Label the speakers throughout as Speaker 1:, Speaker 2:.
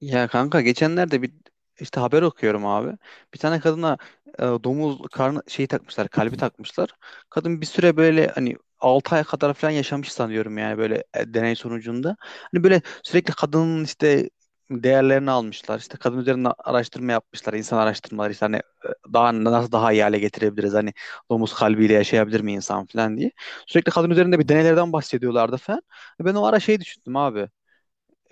Speaker 1: Ya kanka geçenlerde bir işte haber okuyorum abi. Bir tane kadına domuz karnı şeyi takmışlar, kalbi takmışlar. Kadın bir süre böyle hani 6 ay kadar falan yaşamış sanıyorum, yani böyle deney sonucunda. Hani böyle sürekli kadının işte değerlerini almışlar. İşte kadın üzerine araştırma yapmışlar, insan araştırmaları işte hani daha nasıl daha iyi hale getirebiliriz? Hani domuz kalbiyle yaşayabilir mi insan falan diye. Sürekli kadın üzerinde bir deneylerden bahsediyorlardı falan. Ben o ara şey düşündüm abi,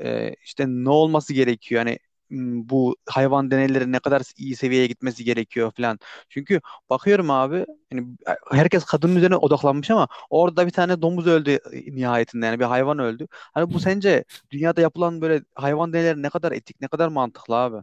Speaker 1: işte ne olması gerekiyor? Yani bu hayvan deneyleri ne kadar iyi seviyeye gitmesi gerekiyor falan. Çünkü bakıyorum abi, yani herkes kadının üzerine odaklanmış ama orada bir tane domuz öldü nihayetinde, yani bir hayvan öldü. Hani bu sence dünyada yapılan böyle hayvan deneyleri ne kadar etik, ne kadar mantıklı abi?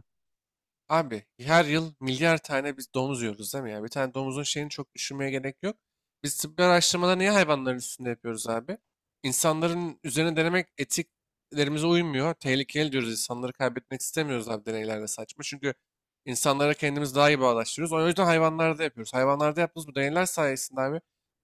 Speaker 2: Abi her yıl milyar tane biz domuz yiyoruz, değil mi ya? Bir tane domuzun şeyini çok düşünmeye gerek yok. Biz tıbbi araştırmaları niye hayvanların üstünde yapıyoruz abi? İnsanların üzerine denemek etiklerimize uymuyor. Tehlikeli diyoruz. İnsanları kaybetmek istemiyoruz abi, deneylerde saçma. Çünkü insanlara kendimiz daha iyi bağdaştırıyoruz. O yüzden hayvanlarda yapıyoruz. Hayvanlarda yaptığımız bu deneyler sayesinde abi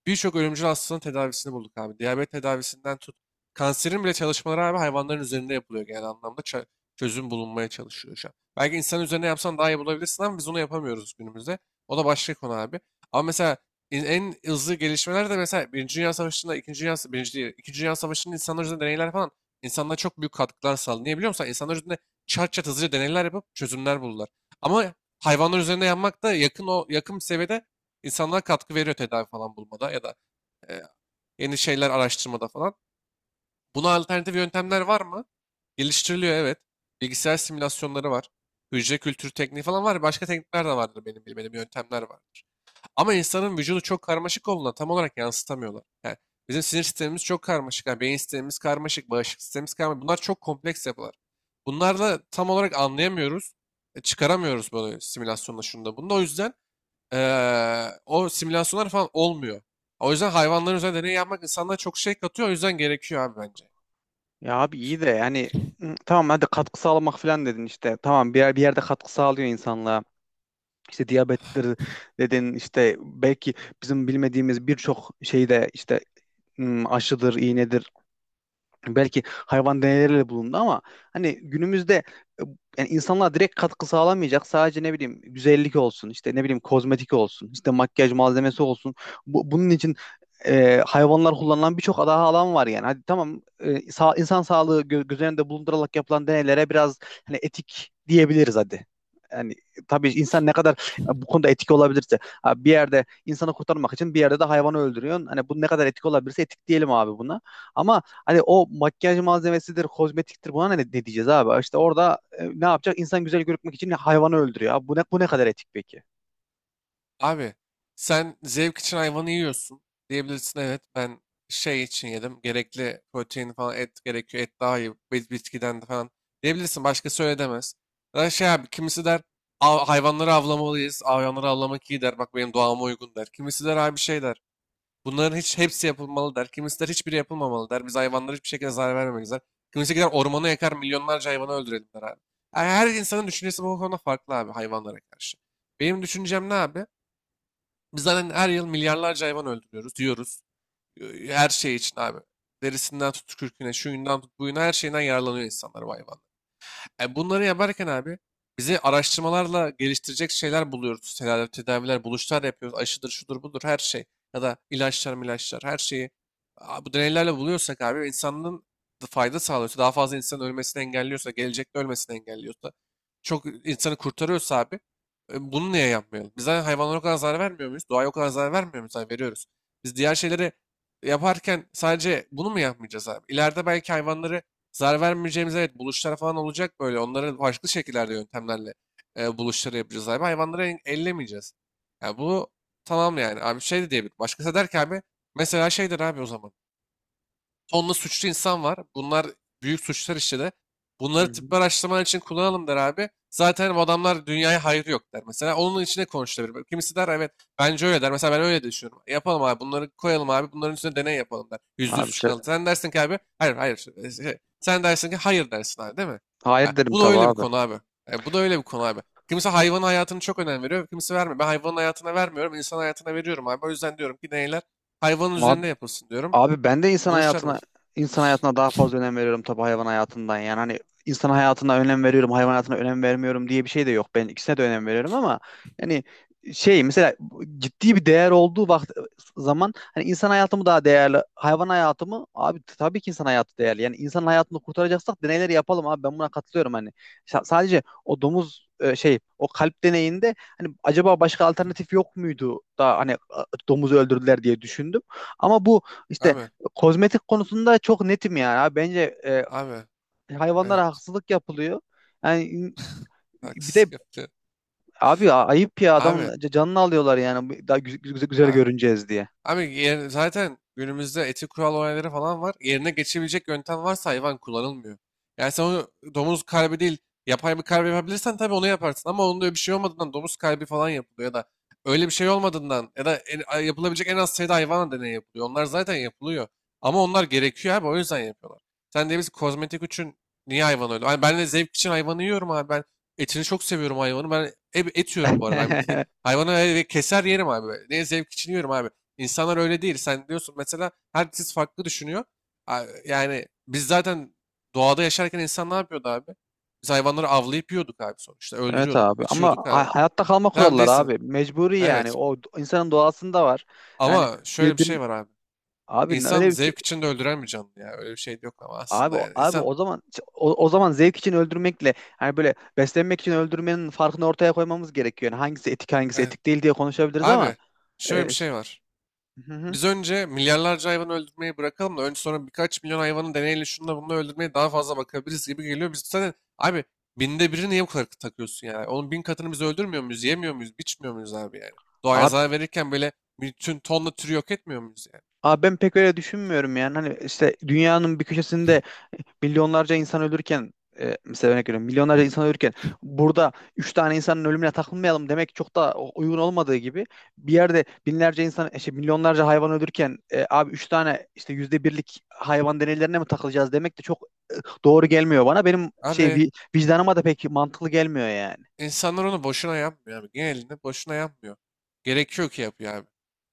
Speaker 2: birçok ölümcül hastalığın tedavisini bulduk abi. Diyabet tedavisinden tut. Kanserin bile çalışmaları abi hayvanların üzerinde yapılıyor genel anlamda. Çözüm bulunmaya çalışıyor şu an. Belki insan üzerine yapsan daha iyi bulabilirsin ama biz onu yapamıyoruz günümüzde. O da başka konu abi. Ama mesela en hızlı gelişmeler de mesela Birinci Dünya Savaşı'nda, İkinci Dünya, Birinci değil, İkinci Dünya Savaşı'nın insanlar üzerinde deneyler falan insanlara çok büyük katkılar sağladı. Niye biliyor musun? İnsanlar üzerinde çat çat hızlıca deneyler yapıp çözümler buldular. Ama hayvanlar üzerinde yapmak da yakın, o yakın seviyede insanlara katkı veriyor tedavi falan bulmada ya da e, yeni şeyler araştırmada falan. Buna alternatif yöntemler var mı? Geliştiriliyor, evet. Bilgisayar simülasyonları var. Hücre kültürü tekniği falan var. Başka teknikler de vardır, benim bilmediğim yöntemler vardır. Ama insanın vücudu çok karmaşık olduğuna tam olarak yansıtamıyorlar. Yani bizim sinir sistemimiz çok karmaşık. Yani beyin sistemimiz karmaşık, bağışıklık sistemimiz karmaşık. Bunlar çok kompleks yapılar. Bunlarla tam olarak anlayamıyoruz. Çıkaramıyoruz böyle simülasyonla şunda bunda. O yüzden o simülasyonlar falan olmuyor. O yüzden hayvanların üzerinde deney yapmak insanlara çok şey katıyor. O yüzden gerekiyor abi, bence.
Speaker 1: Ya abi iyi de yani tamam hadi katkı sağlamak falan dedin işte. Tamam bir yerde katkı sağlıyor insanlığa. İşte diyabettir dedin işte, belki bizim bilmediğimiz birçok şeyde işte aşıdır, iğnedir, belki hayvan deneyleriyle bulundu ama hani günümüzde e, yani insanlar direkt katkı sağlamayacak, sadece ne bileyim güzellik olsun işte, ne bileyim kozmetik olsun işte, makyaj malzemesi olsun. Bunun için hayvanlar kullanılan birçok daha alan var yani, hadi tamam, insan sağlığı göz önünde bulundurarak yapılan deneylere biraz hani etik diyebiliriz hadi. Yani tabii insan ne kadar bu konuda etik olabilirse ha, bir yerde insanı kurtarmak için bir yerde de hayvanı öldürüyorsun. Hani bu ne kadar etik olabilirse etik diyelim abi buna. Ama hani o makyaj malzemesidir, kozmetiktir, buna ne diyeceğiz abi? İşte orada ne yapacak? İnsan güzel görünmek için hayvanı öldürüyor. Abi bu ne kadar etik peki?
Speaker 2: Abi sen zevk için hayvanı yiyorsun diyebilirsin, evet ben şey için yedim, gerekli protein falan, et gerekiyor, et daha iyi bitkiden de falan diyebilirsin, başkası öyle demez. Ya da şey abi, kimisi der: Hayvanları avlamalıyız, hayvanları avlamak iyi" der, "bak benim doğama uygun" der. Kimisi der abi şey der, bunların hiç hepsi yapılmalı der. Kimisi der hiçbiri yapılmamalı der, biz hayvanlara hiçbir şekilde zarar vermemeliyiz der. Kimisi gider ormanı yakar, milyonlarca hayvanı öldürelim der abi. Yani her insanın düşüncesi bu konuda farklı abi, hayvanlara karşı. Benim düşüncem ne abi? Biz zaten her yıl milyarlarca hayvan öldürüyoruz diyoruz. Her şey için abi. Derisinden tut kürküne, şuyundan tut buyuna, her şeyinden yararlanıyor insanlar bu hayvan. Bunları yaparken abi bizi araştırmalarla geliştirecek şeyler buluyoruz. Tedavi, tedaviler, buluşlar yapıyoruz. Aşıdır, şudur, budur, her şey. Ya da ilaçlar, ilaçlar, her şeyi bu deneylerle buluyorsak abi, insanın da fayda sağlıyorsa, daha fazla insanın ölmesini engelliyorsa, gelecekte ölmesini engelliyorsa, çok insanı kurtarıyorsa abi bunu niye yapmayalım? Biz zaten hayvanlara o kadar zarar vermiyor muyuz? Doğaya o kadar zarar vermiyor muyuz? Hayır, veriyoruz. Biz diğer şeyleri yaparken sadece bunu mu yapmayacağız abi? İleride belki hayvanları zarar vermeyeceğimiz, evet, buluşlar falan olacak böyle. Onları farklı şekillerde yöntemlerle buluşları yapacağız abi. Hayvanları ellemeyeceğiz. Yani bu, tamam yani abi, şey de diyebilir. Başkası der ki abi, mesela şeydir abi o zaman. Tonla suçlu insan var. Bunlar büyük suçlar işledi.
Speaker 1: Hı
Speaker 2: Bunları
Speaker 1: hı.
Speaker 2: tıbbi araştırmalar için kullanalım der abi. Zaten hani bu adamlar dünyaya hayrı yok der. Mesela onun içine konuşulabilir. Kimisi der evet, bence öyle der. Mesela ben öyle düşünüyorum. Yapalım abi, bunları koyalım abi, bunların üstüne deney yapalım der. %100
Speaker 1: Abi
Speaker 2: suç
Speaker 1: şey,
Speaker 2: kalır. Sen dersin ki abi hayır, hayır. işte, sen dersin ki hayır dersin abi, değil mi? Ha,
Speaker 1: hayır derim
Speaker 2: bu da
Speaker 1: tabii
Speaker 2: öyle bir
Speaker 1: abi.
Speaker 2: konu abi. Bu da öyle bir konu abi. Kimisi hayvanın hayatını çok önem veriyor. Kimisi vermiyor. Ben hayvanın hayatına vermiyorum. İnsan hayatına veriyorum abi. O yüzden diyorum ki deneyler hayvanın
Speaker 1: Abi
Speaker 2: üzerinde yapılsın diyorum.
Speaker 1: Abi ben de insan
Speaker 2: Buluşlar bu.
Speaker 1: hayatına insan hayatına daha fazla önem veriyorum tabii hayvan hayatından. Yani hani insan hayatına önem veriyorum, hayvan hayatına önem vermiyorum diye bir şey de yok. Ben ikisine de önem veriyorum ama yani şey, mesela ciddi bir değer olduğu zaman hani insan hayatımı daha değerli, hayvan hayatımı, abi tabii ki insan hayatı değerli. Yani insan hayatını kurtaracaksak deneyleri yapalım abi. Ben buna katılıyorum hani. Sadece o domuz, şey, o kalp deneyinde hani acaba başka alternatif yok muydu da hani domuzu öldürdüler diye düşündüm. Ama bu işte
Speaker 2: Abi,
Speaker 1: kozmetik konusunda çok netim yani. Abi bence
Speaker 2: abi,
Speaker 1: hayvanlara
Speaker 2: evet.
Speaker 1: haksızlık yapılıyor. Yani bir de
Speaker 2: Haksızlık yaptı.
Speaker 1: abi ayıp ya, adamın
Speaker 2: Abi,
Speaker 1: canını alıyorlar yani, daha güzel
Speaker 2: abi.
Speaker 1: görüneceğiz diye.
Speaker 2: Abi zaten günümüzde etik kural olayları falan var. Yerine geçebilecek yöntem varsa hayvan kullanılmıyor. Yani sen onu domuz kalbi değil yapay bir kalbi yapabilirsen tabii onu yaparsın. Ama onun öyle bir şey olmadığından domuz kalbi falan yapılıyor, ya da öyle bir şey olmadığından ya da yapılabilecek en az sayıda hayvan deneyi yapılıyor. Onlar zaten yapılıyor. Ama onlar gerekiyor abi, o yüzden yapıyorlar. Sen de biz kozmetik için niye hayvan öyle? Ay ben de zevk için hayvanı yiyorum abi. Ben etini çok seviyorum hayvanı. Ben et yiyorum bu arada. Ben bitki, hayvanı keser yerim abi. Ne zevk için yiyorum abi. İnsanlar öyle değil. Sen diyorsun mesela, herkes farklı düşünüyor. Yani biz zaten doğada yaşarken insan ne yapıyordu abi? Biz hayvanları avlayıp yiyorduk abi sonuçta.
Speaker 1: Evet
Speaker 2: Öldürüyorduk,
Speaker 1: abi, ama
Speaker 2: içiyorduk abi.
Speaker 1: hayatta kalma
Speaker 2: Tamam
Speaker 1: kuralları
Speaker 2: değilsin.
Speaker 1: abi mecburi, yani
Speaker 2: Evet.
Speaker 1: o insanın doğasında var. Yani
Speaker 2: Ama şöyle bir
Speaker 1: birbirini
Speaker 2: şey var abi.
Speaker 1: abi
Speaker 2: İnsan
Speaker 1: öyle bir şey.
Speaker 2: zevk için de öldüren bir canlı ya. Öyle bir şey de yok ama
Speaker 1: abi
Speaker 2: aslında yani.
Speaker 1: abi
Speaker 2: İnsan...
Speaker 1: o zaman, o zaman zevk için öldürmekle hani böyle beslenmek için öldürmenin farkını ortaya koymamız gerekiyor. Yani hangisi etik hangisi
Speaker 2: Evet.
Speaker 1: etik değil diye konuşabiliriz ama.
Speaker 2: Abi şöyle bir şey var.
Speaker 1: Hı hı.
Speaker 2: Biz önce milyarlarca hayvan öldürmeyi bırakalım da önce sonra birkaç milyon hayvanın deneyle şununla bununla öldürmeye daha fazla bakabiliriz gibi geliyor. Biz zaten abi binde biri, niye bu kadar takıyorsun yani? Onun bin katını biz öldürmüyor muyuz, yemiyor muyuz, biçmiyor muyuz abi yani? Doğaya
Speaker 1: Abi,
Speaker 2: zarar verirken böyle bütün tonla türü yok etmiyor muyuz yani?
Speaker 1: abi, ben pek öyle düşünmüyorum yani. Hani işte dünyanın bir köşesinde milyonlarca insan ölürken mesela örnek veriyorum, milyonlarca insan ölürken burada üç tane insanın ölümüne takılmayalım demek çok da uygun olmadığı gibi, bir yerde binlerce insan işte milyonlarca hayvan ölürken abi üç tane işte %1'lik hayvan deneylerine mi takılacağız demek de çok doğru gelmiyor bana. Benim şey,
Speaker 2: Abi
Speaker 1: vicdanıma da pek mantıklı gelmiyor yani.
Speaker 2: İnsanlar onu boşuna yapmıyor abi. Genelinde boşuna yapmıyor. Gerekiyor ki yapıyor abi.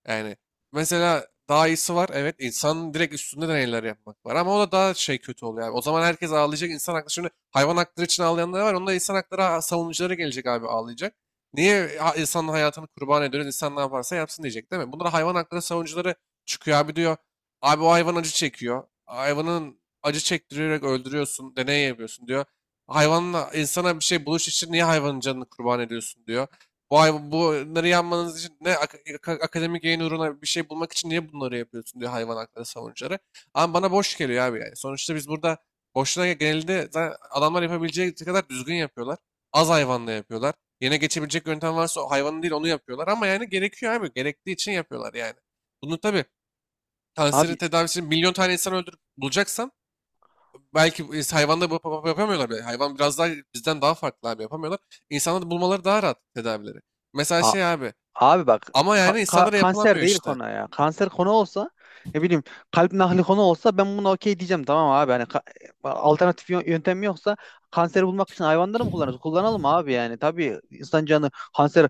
Speaker 2: Yani mesela daha iyisi var. Evet, insanın direkt üstünde deneyler yapmak var. Ama o da daha şey, kötü oluyor abi. O zaman herkes ağlayacak. İnsan hakları, şimdi hayvan hakları için ağlayanlar var. Onda insan hakları savunucuları gelecek abi, ağlayacak. Niye insanın hayatını kurban ediyoruz? İnsan ne yaparsa yapsın diyecek, değil mi? Bunlara hayvan hakları savunucuları çıkıyor abi, diyor. Abi o hayvan acı çekiyor. Hayvanın acı çektirerek öldürüyorsun. Deney yapıyorsun diyor. Hayvanla insana bir şey buluş için niye hayvanın canını kurban ediyorsun diyor. Bu hayvan, bunları yanmanız için ne akademik yayın uğruna bir şey bulmak için niye bunları yapıyorsun diyor hayvan hakları savunucuları. Ama bana boş geliyor abi yani. Sonuçta biz burada boşuna, genelde zaten adamlar yapabileceği kadar düzgün yapıyorlar. Az hayvanla yapıyorlar. Yine geçebilecek yöntem varsa o hayvanın değil, onu yapıyorlar. Ama yani gerekiyor abi. Gerektiği için yapıyorlar yani. Bunu tabii kanseri
Speaker 1: Abi
Speaker 2: tedavisi milyon tane insan öldürüp bulacaksan, belki hayvanda yapamıyorlar bile. Hayvan biraz daha bizden daha farklı abi, yapamıyorlar. İnsanlarda bulmaları daha rahat tedavileri. Mesela şey abi,
Speaker 1: Abi bak,
Speaker 2: ama yani insanlara
Speaker 1: kanser
Speaker 2: yapılamıyor
Speaker 1: değil
Speaker 2: işte.
Speaker 1: konu ya. Kanser konu olsa, ne bileyim kalp nakli konu olsa ben buna okey diyeceğim, tamam abi. Hani alternatif yöntem yoksa kanseri bulmak için hayvanları mı kullanırız? Kullanalım abi yani. Tabii insan canı, kanser,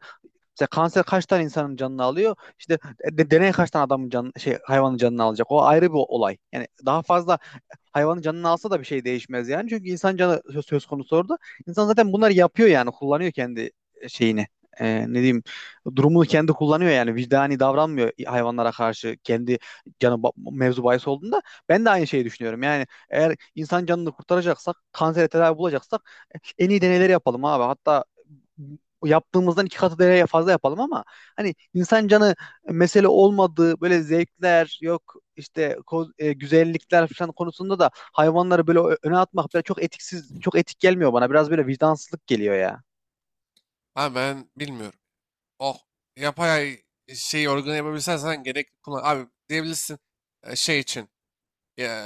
Speaker 1: mesela kanser kaç tane insanın canını alıyor? İşte deney kaç tane adamın canı, şey, hayvanın canını alacak? O ayrı bir olay. Yani daha fazla hayvanın canını alsa da bir şey değişmez yani. Çünkü insan canı söz konusu orada. İnsan zaten bunları yapıyor yani. Kullanıyor kendi şeyini. Ne diyeyim, durumunu kendi kullanıyor yani, vicdani davranmıyor hayvanlara karşı, kendi canı mevzu bahis olduğunda ben de aynı şeyi düşünüyorum yani. Eğer insan canını kurtaracaksak, kansere tedavi bulacaksak en iyi deneyleri yapalım abi. Hatta yaptığımızdan iki katı deneye fazla yapalım, ama hani insan canı mesele olmadığı böyle zevkler yok işte, güzellikler falan konusunda da hayvanları böyle öne atmak böyle çok etiksiz, çok etik gelmiyor bana. Biraz böyle vicdansızlık geliyor ya.
Speaker 2: Ha, ben bilmiyorum. Oh, yapay şey, organı yapabilsen sen gerek kullan. Abi diyebilirsin şey için, e,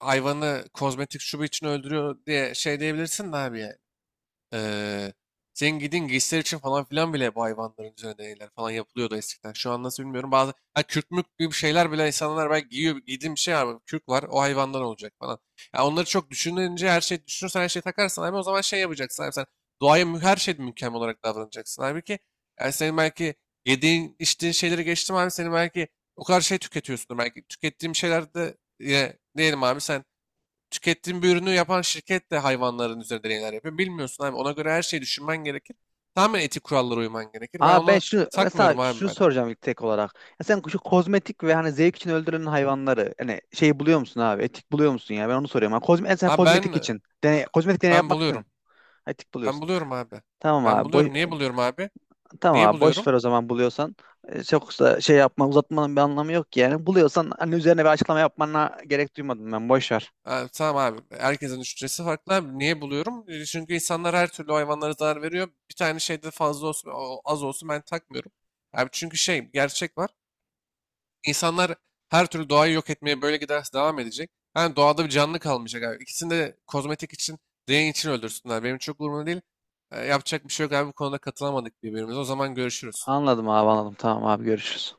Speaker 2: hayvanı kozmetik şubu için öldürüyor diye şey diyebilirsin de abi ya. Eee senin giydiğin giysiler için falan filan bile bu hayvanların üzerine deneyler falan yapılıyordu eskiden. Şu an nasıl bilmiyorum. Bazı kürk mürk gibi şeyler bile insanlar belki giyiyor. Giydiğim bir şey var. Kürk var. O hayvandan olacak falan. Ya onları çok düşününce, her şey düşünürsen, her şeyi takarsan abi, o zaman şey yapacaksın abi, sen doğaya her şeyde mükemmel olarak davranacaksın. Halbuki yani senin belki yediğin içtiğin şeyleri geçtim abi, senin belki o kadar şey tüketiyorsundur. Belki tükettiğim şeylerde yine diyelim abi, sen tükettiğin bir ürünü yapan şirket de hayvanların üzerinde deneyler yapıyor. Bilmiyorsun abi. Ona göre her şeyi düşünmen gerekir. Tamamen etik kurallara uyman gerekir. Ben
Speaker 1: Aa ben
Speaker 2: ona
Speaker 1: şunu, mesela
Speaker 2: takmıyorum abi,
Speaker 1: şunu
Speaker 2: ben.
Speaker 1: soracağım ilk tek olarak. Ya sen şu kozmetik ve hani zevk için öldürülen hayvanları hani şey buluyor musun abi? Etik buluyor musun ya? Ben onu soruyorum. Ha, sen
Speaker 2: Abi ben
Speaker 1: kozmetik için. Kozmetik deney
Speaker 2: ben
Speaker 1: yapmak
Speaker 2: buluyorum.
Speaker 1: için etik
Speaker 2: Ben
Speaker 1: buluyorsun.
Speaker 2: buluyorum abi.
Speaker 1: Tamam
Speaker 2: Ben
Speaker 1: abi.
Speaker 2: buluyorum. Niye buluyorum abi?
Speaker 1: Tamam
Speaker 2: Niye
Speaker 1: abi, boş
Speaker 2: buluyorum?
Speaker 1: ver o zaman, buluyorsan. Çok da şey yapma, uzatmanın bir anlamı yok ki yani. Buluyorsan hani üzerine bir açıklama yapmana gerek duymadım ben. Boş ver.
Speaker 2: Ha, tamam abi. Herkesin düşüncesi farklı abi. Niye buluyorum? E, çünkü insanlar her türlü hayvanlara zarar veriyor. Bir tane şeyde fazla olsun, az olsun, ben takmıyorum. Abi çünkü şey gerçek var. İnsanlar her türlü doğayı yok etmeye böyle giderse devam edecek. Yani doğada bir canlı kalmayacak abi. İkisini de kozmetik için, deney için öldürsünler. Benim çok umurumda değil. E, yapacak bir şey yok abi. Bu konuda katılamadık birbirimize. O zaman görüşürüz.
Speaker 1: Anladım abi, anladım. Tamam abi, görüşürüz.